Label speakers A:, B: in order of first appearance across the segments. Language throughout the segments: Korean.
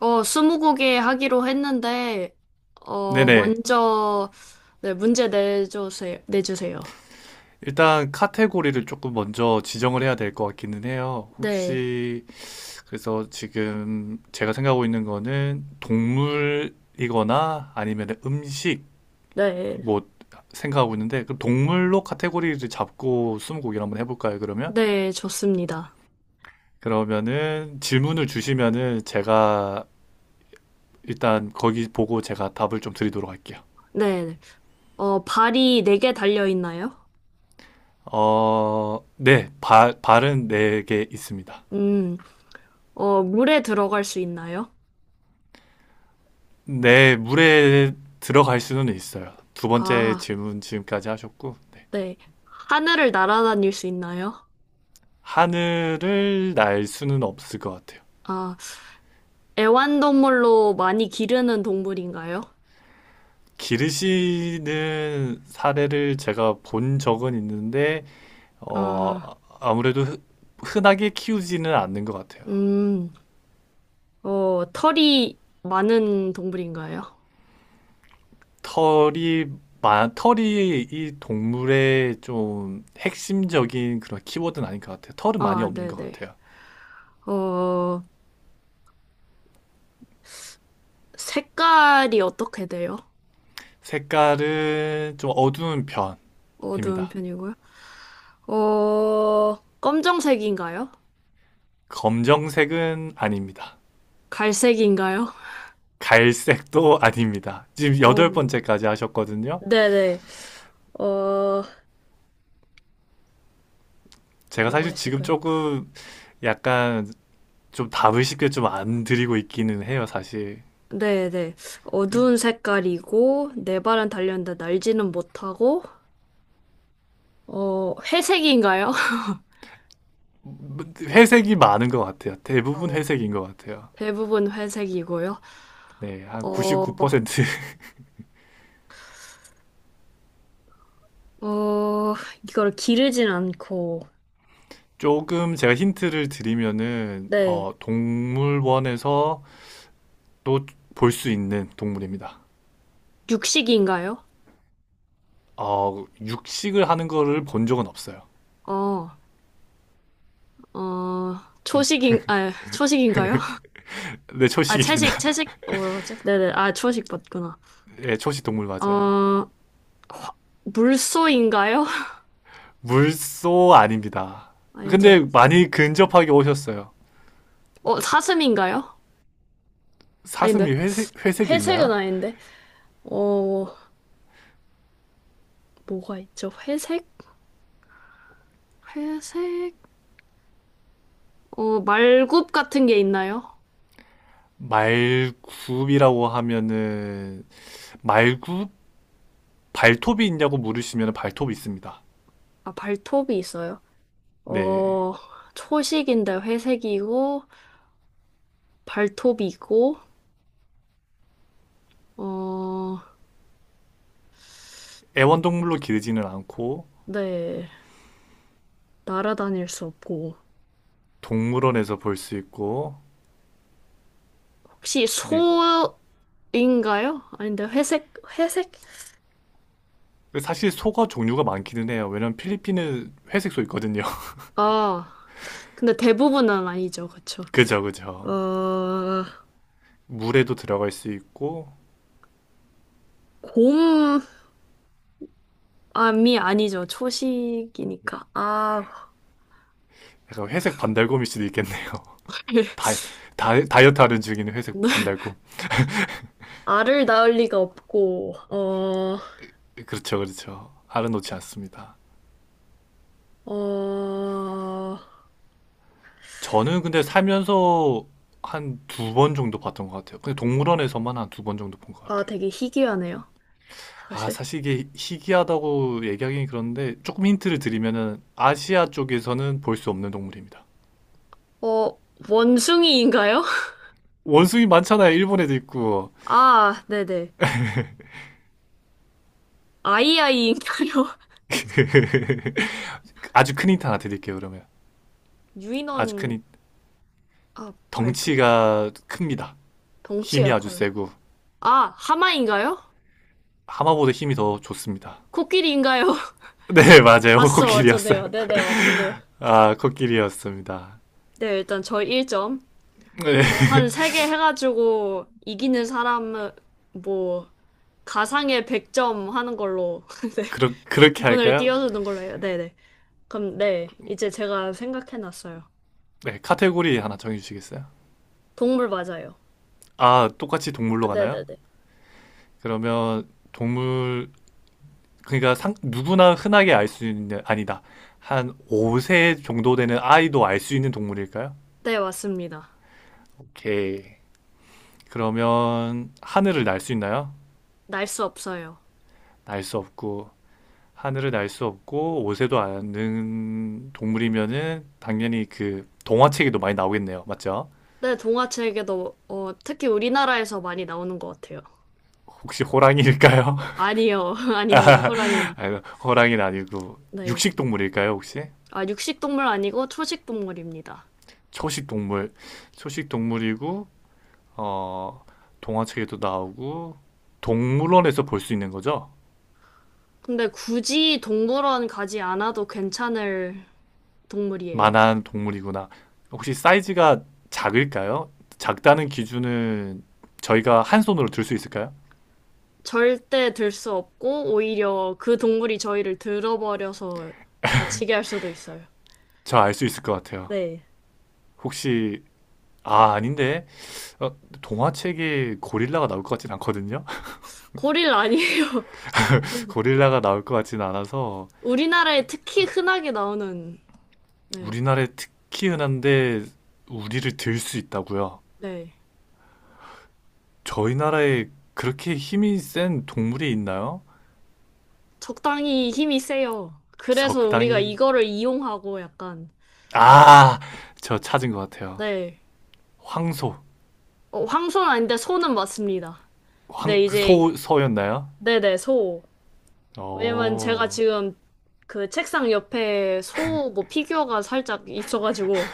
A: 스무고개 하기로 했는데,
B: 네네.
A: 먼저, 네, 문제 내주세요. 내주세요.
B: 일단 카테고리를 조금 먼저 지정을 해야 될 것 같기는 해요.
A: 네,
B: 혹시 그래서 지금 제가 생각하고 있는 거는 동물이거나 아니면 음식
A: 네,
B: 뭐 생각하고 있는데 그럼 동물로 카테고리를 잡고 스무고개를 한번 해볼까요, 그러면?
A: 네, 좋습니다.
B: 그러면은 질문을 주시면은 제가 일단 거기 보고 제가 답을 좀 드리도록 할게요.
A: 네, 네. 발이 네 개 달려 있나요?
B: 어, 네. 발은 네 개 있습니다.
A: 음, 물에 들어갈 수 있나요?
B: 네, 물에 들어갈 수는 있어요. 두 번째
A: 아,
B: 질문 지금까지 하셨고, 네.
A: 네. 하늘을 날아다닐 수 있나요?
B: 하늘을 날 수는 없을 것 같아요.
A: 아, 애완동물로 많이 기르는 동물인가요?
B: 기르시는 사례를 제가 본 적은 있는데, 어,
A: 아,
B: 아무래도 흔하게 키우지는 않는 것 같아요.
A: 음, 털이 많은 동물인가요?
B: 털이, 털이 이 동물의 좀 핵심적인 그런 키워드는 아닌 것 같아요. 털은 많이
A: 아,
B: 없는 것
A: 네네.
B: 같아요.
A: 어, 색깔이 어떻게 돼요?
B: 색깔은 좀 어두운
A: 어두운
B: 편입니다.
A: 편이고요. 어, 검정색인가요?
B: 검정색은 아닙니다.
A: 갈색인가요?
B: 갈색도 아닙니다. 지금
A: 어,
B: 여덟 번째까지 하셨거든요.
A: 네네. 어,
B: 제가
A: 뭐가
B: 사실 지금
A: 있을까요?
B: 조금 약간 좀 답을 쉽게 좀 안 드리고 있기는 해요, 사실.
A: 네네. 어두운 색깔이고, 네 발은 달렸는데 날지는 못하고, 회색인가요?
B: 회색이 많은 것 같아요. 대부분
A: 어,
B: 회색인 것 같아요.
A: 대부분 회색이고요.
B: 네, 한
A: 어,
B: 99%
A: 어, 이걸 기르진 않고,
B: 조금 제가 힌트를 드리면은
A: 네.
B: 어, 동물원에서 또 볼 수 있는 동물입니다.
A: 육식인가요?
B: 어, 육식을 하는 거를 본 적은 없어요.
A: 어. 어, 아, 초식인가요?
B: 네,
A: 아,
B: 초식입니다.
A: 채식, 채식, 뭐라고 하지? 네네, 아, 초식 맞구나.
B: 네, 초식 동물 맞아요.
A: 어, 화- 물소인가요?
B: 물소 아닙니다.
A: 아니죠.
B: 근데 많이 근접하게 오셨어요.
A: 사슴인가요? 아닌데.
B: 사슴이 회색, 회색이
A: 회색은
B: 있나요?
A: 아닌데. 어, 뭐가 있죠? 회색? 회색? 말굽 같은 게 있나요?
B: 말굽이라고 하면은, 말굽? 발톱이 있냐고 물으시면 발톱이 있습니다.
A: 아, 발톱이 있어요.
B: 네.
A: 어, 초식인데 회색이고, 발톱이고, 어,
B: 애완동물로 기르지는 않고,
A: 네. 날아다닐 수 없고.
B: 동물원에서 볼 수 있고,
A: 혹시
B: 그리고,
A: 소인가요? 아닌데 회색 회색?
B: 사실 소가 종류가 많기는 해요. 왜냐면 필리핀은 회색 소 있거든요.
A: 아, 근데 대부분은 아니죠, 그쵸?
B: 그죠, 그죠.
A: 어
B: 물에도 들어갈 수 있고,
A: 곰암이 아니죠, 초식이니까. 아.
B: 약간 회색 반달곰일 수도 있겠네요. 다, 다이어트 하는 중인 회색
A: 네.
B: 반달곰.
A: 알을 낳을 리가 없고, 어어아
B: 그렇죠, 그렇죠. 알아놓지 않습니다. 저는 근데 살면서 한 두 번 정도 봤던 것 같아요. 근데 동물원에서만 한 두 번 정도 본 것 같아요.
A: 되게 희귀하네요,
B: 아,
A: 사실.
B: 사실 이게 희귀하다고 얘기하기는 그런데 조금 힌트를 드리면은 아시아 쪽에서는 볼 수 없는 동물입니다.
A: 어 원숭이인가요?
B: 원숭이 많잖아요. 일본에도 있고.
A: 아, 네네. 아이아이인가요?
B: 그 아주 큰 힌트 하나 드릴게요, 그러면. 아주 큰
A: 유인원.
B: 힌트.
A: 아, 발톱.
B: 덩치가 큽니다. 힘이
A: 덩치가
B: 아주
A: 커요.
B: 세고.
A: 아, 하마인가요?
B: 하마보다 힘이 더 좋습니다.
A: 코끼리인가요?
B: 네, 맞아요.
A: 아싸,
B: 코끼리였어요.
A: 맞췄네요. 네네, 맞췄네요.
B: 아, 코끼리였습니다.
A: 네, 일단 저 1점.
B: 네,
A: 뭐, 한 3개 해가지고 이기는 사람은, 뭐, 가상의 100점 하는 걸로. 네.
B: 그렇게
A: 이분을
B: 할까요?
A: 띄워주는 걸로 해요. 네네. 그럼, 네. 이제 제가 생각해놨어요.
B: 네, 카테고리 하나 정해주시겠어요?
A: 동물 맞아요.
B: 아, 똑같이
A: 아,
B: 동물로 가나요?
A: 네네네.
B: 그러면 동물, 그러니까 상, 누구나 흔하게 알 수 있는, 아니다. 한 5세 정도 되는 아이도 알 수 있는 동물일까요?
A: 네, 맞습니다.
B: 오케이. 그러면 하늘을 날 수 있나요?
A: 날 수 없어요.
B: 날 수 없고, 하늘을 날 수 없고, 5세도 아는 동물이면은 당연히 그 동화책에도 많이 나오겠네요. 맞죠?
A: 네, 동화책에도, 특히 우리나라에서 많이 나오는 것 같아요.
B: 혹시 호랑이일까요?
A: 아니요, 아닙니다. 호랑이는.
B: 아유, 호랑이는 아니고
A: 네.
B: 육식 동물일까요, 혹시?
A: 아, 육식동물 아니고 초식동물입니다.
B: 초식 동물. 초식 동물이고 어 동화책에도 나오고 동물원에서 볼 수 있는 거죠?
A: 근데 굳이 동물원 가지 않아도 괜찮을 동물이에요.
B: 만한 동물이구나. 혹시 사이즈가 작을까요? 작다는 기준은 저희가 한 손으로 들 수 있을까요?
A: 절대 들 수 없고, 오히려 그 동물이 저희를 들어버려서 다치게 할 수도 있어요.
B: 저 알 수 있을 것 같아요.
A: 네.
B: 혹시 아, 아닌데. 어, 동화책에 고릴라가 나올 것 같진 않거든요.
A: 고릴 아니에요. 네네.
B: 고릴라가 나올 것 같진 않아서
A: 우리나라에 특히 흔하게 나오는, 네.
B: 우리나라에 특히 흔한데 우리를 들 수 있다고요?
A: 네.
B: 저희 나라에 그렇게 힘이 센 동물이 있나요?
A: 적당히 힘이 세요. 그래서 우리가
B: 적당히
A: 이거를 이용하고 약간,
B: 아, 저 찾은 것 같아요.
A: 네.
B: 황소,
A: 황소는 아닌데 소는 맞습니다. 네,
B: 황, 그
A: 이제,
B: 소, 소였나요?
A: 네네, 소. 왜냐면 제가
B: 어,
A: 지금 그 책상 옆에 소 뭐 피규어가 살짝 있어가지고.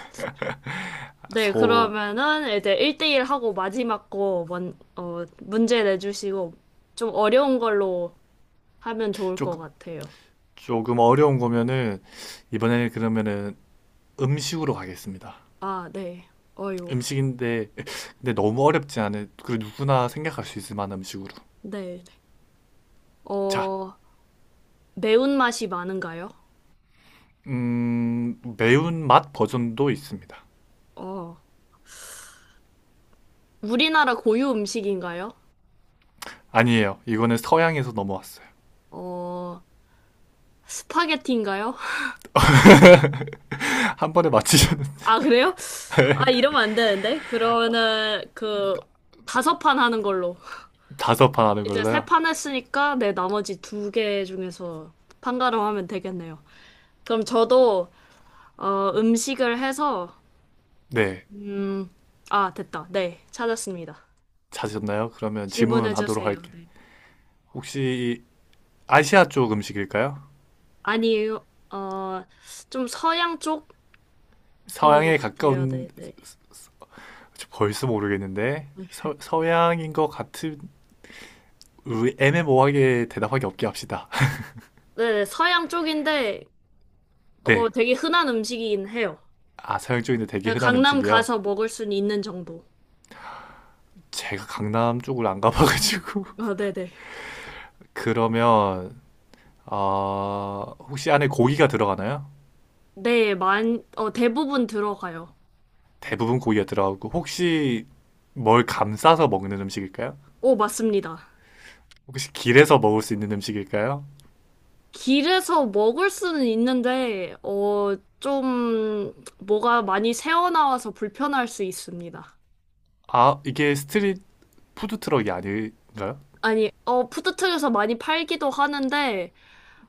B: 아,
A: 네,
B: 소.
A: 그러면은 이제 1대1 하고 마지막 거 원, 문제 내주시고 좀 어려운 걸로 하면 좋을
B: 조,
A: 것 같아요.
B: 조금 어려운 거면은 이번에는 그러면은 음식으로 가겠습니다.
A: 아, 네. 어유.
B: 음식인데 근데 너무 어렵지 않은 그리고 누구나 생각할 수 있을 만한 음식으로.
A: 네. 네.
B: 자,
A: 어, 매운맛이 많은가요?
B: 매운맛 버전도 있습니다.
A: 어, 우리나라 고유 음식인가요?
B: 아니에요. 이거는 서양에서 넘어왔어요.
A: 어, 스파게티인가요?
B: 한 번에 맞히셨는데
A: 아, 그래요? 아, 이러면 안 되는데? 그러면은 그 다섯 판 하는 걸로.
B: 다섯 판 하는
A: 이제 세
B: 걸로요.
A: 판 했으니까 내 나머지 두 개 중에서 판가름하면 되겠네요. 그럼 저도 음식을 해서,
B: 네,
A: 음, 아, 됐다. 네, 찾았습니다.
B: 찾으셨나요? 그러면
A: 질문해
B: 질문하도록
A: 주세요.
B: 할게.
A: 네.
B: 혹시 아시아 쪽 음식일까요?
A: 아니에요. 어, 좀 서양 쪽인 것
B: 서양에
A: 같아요.
B: 가까운
A: 네, 네.
B: 저 벌써 모르겠는데 서양인 것 같은 애매모호하게 대답하기 없게 합시다.
A: 네, 네, 서양 쪽인데
B: 네,
A: 되게 흔한 음식이긴 해요.
B: 아 서양 쪽인데 되게
A: 네,
B: 흔한
A: 강남
B: 음식이요.
A: 가서 먹을 수는 있는 정도.
B: 제가 강남 쪽을 안 가봐가지고
A: 아, 네네.
B: 그러면 어... 혹시 안에 고기가 들어가나요?
A: 네, 대부분 들어가요.
B: 대부분 고기가 들어가고 혹시 뭘 감싸서 먹는 음식일까요?
A: 오, 맞습니다.
B: 혹시 길에서 먹을 수 있는 음식일까요?
A: 길에서 먹을 수는 있는데, 좀, 뭐가 많이 새어나와서 불편할 수 있습니다.
B: 아, 이게 스트릿 푸드 트럭이 아닌가요?
A: 아니, 푸드트에서 많이 팔기도 하는데,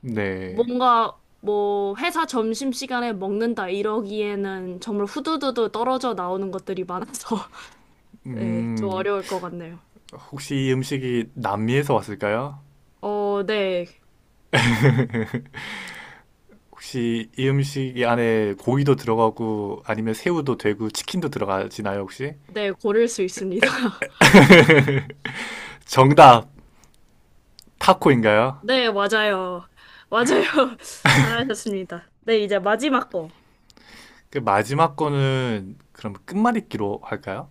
B: 네.
A: 뭔가, 뭐, 회사 점심시간에 먹는다 이러기에는 정말 후두두두 떨어져 나오는 것들이 많아서, 네, 좀
B: 음,
A: 어려울 것 같네요.
B: 혹시 이 음식이 남미에서 왔을까요?
A: 네,
B: 혹시 이 음식 안에 고기도 들어가고 아니면 새우도 되고 치킨도 들어가지나요, 혹시?
A: 네, 고를 수 있습니다.
B: 정답, 타코인가요?
A: 네, 맞아요. 맞아요. 잘하셨습니다. 네, 이제 마지막 거.
B: 그 마지막 거는 그럼 끝말잇기로 할까요?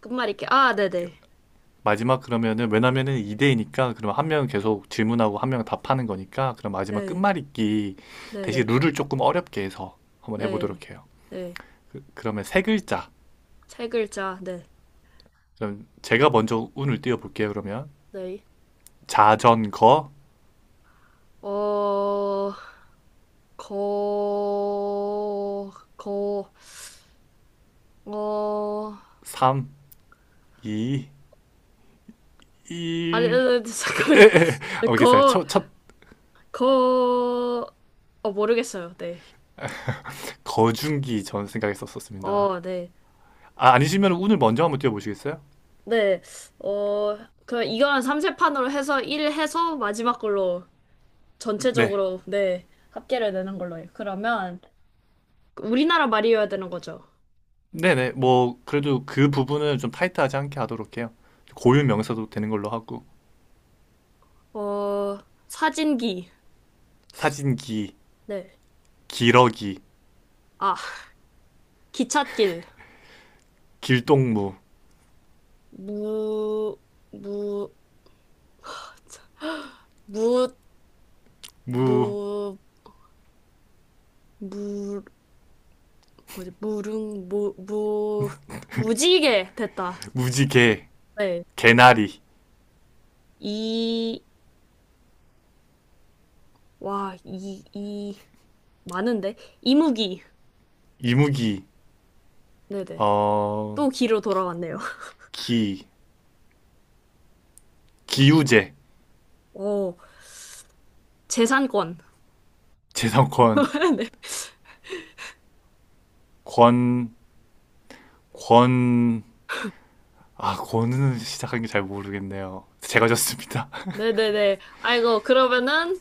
A: 끝말잇기. 아, 네네.
B: 마지막 그러면은 왜냐면은 2대이니까 그럼 한 명은 계속 질문하고 한 명은 답하는 거니까 그럼 마지막
A: 네,
B: 끝말잇기 대신
A: 네네.
B: 룰을 조금 어렵게 해서 한번
A: 네,
B: 해보도록 해요.
A: 네.
B: 그, 그러면 세 글자.
A: 세 글자, 네.
B: 그럼 제가 먼저 운을 띄워볼게요. 그러면
A: 네.
B: 자전거
A: 어, 거, 거, 어,
B: 3, 2,
A: 아니, 아니,
B: 1.
A: 아니, 잠깐만요.
B: 알겠어요.
A: 거,
B: 첫
A: 거, 모르겠어요. 네.
B: 거중기 전 생각했었습니다.
A: 네.
B: 아, 아니시면 운을 먼저 한번 띄워보시겠어요?
A: 네. 어, 그, 이거는 삼세판으로 해서 1 해서 마지막 걸로.
B: 네.
A: 전체적으로, 네, 합계를 내는 걸로 해요. 그러면, 우리나라 말이어야 되는 거죠.
B: 네네. 뭐 그래도 그 부분은 좀 타이트하지 않게 하도록 해요. 고유 명사도 되는 걸로 하고.
A: 어, 사진기.
B: 사진기,
A: 네.
B: 기러기,
A: 아, 기찻길.
B: 길동무,
A: 무, 무, 무,
B: 무,
A: 무, 무, 뭐지, 무릉, 무, 무, 무지개. 됐다.
B: 무지개,
A: 네.
B: 개나리,
A: 이, 와, 이, 이, 많은데? 이무기.
B: 이무기,
A: 네네.
B: 어,
A: 또 기로 돌아왔네요.
B: 기, 기우제,
A: 오, 재산권.
B: 재성권,
A: 네.
B: 권, 권, 아, 권은 시작한 게 잘 모르겠네요. 제가 졌습니다.
A: 네네네. 아이고, 그러면은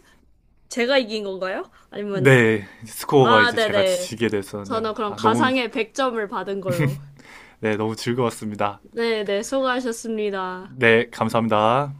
A: 제가 이긴 건가요? 아니면,
B: 네, 스코어가
A: 아,
B: 이제 제가
A: 네네.
B: 지게 됐었네요.
A: 저는 그럼
B: 아, 너무,
A: 가상의 100점을 받은 걸로.
B: 네, 너무 즐거웠습니다.
A: 네네, 수고하셨습니다.
B: 네, 감사합니다.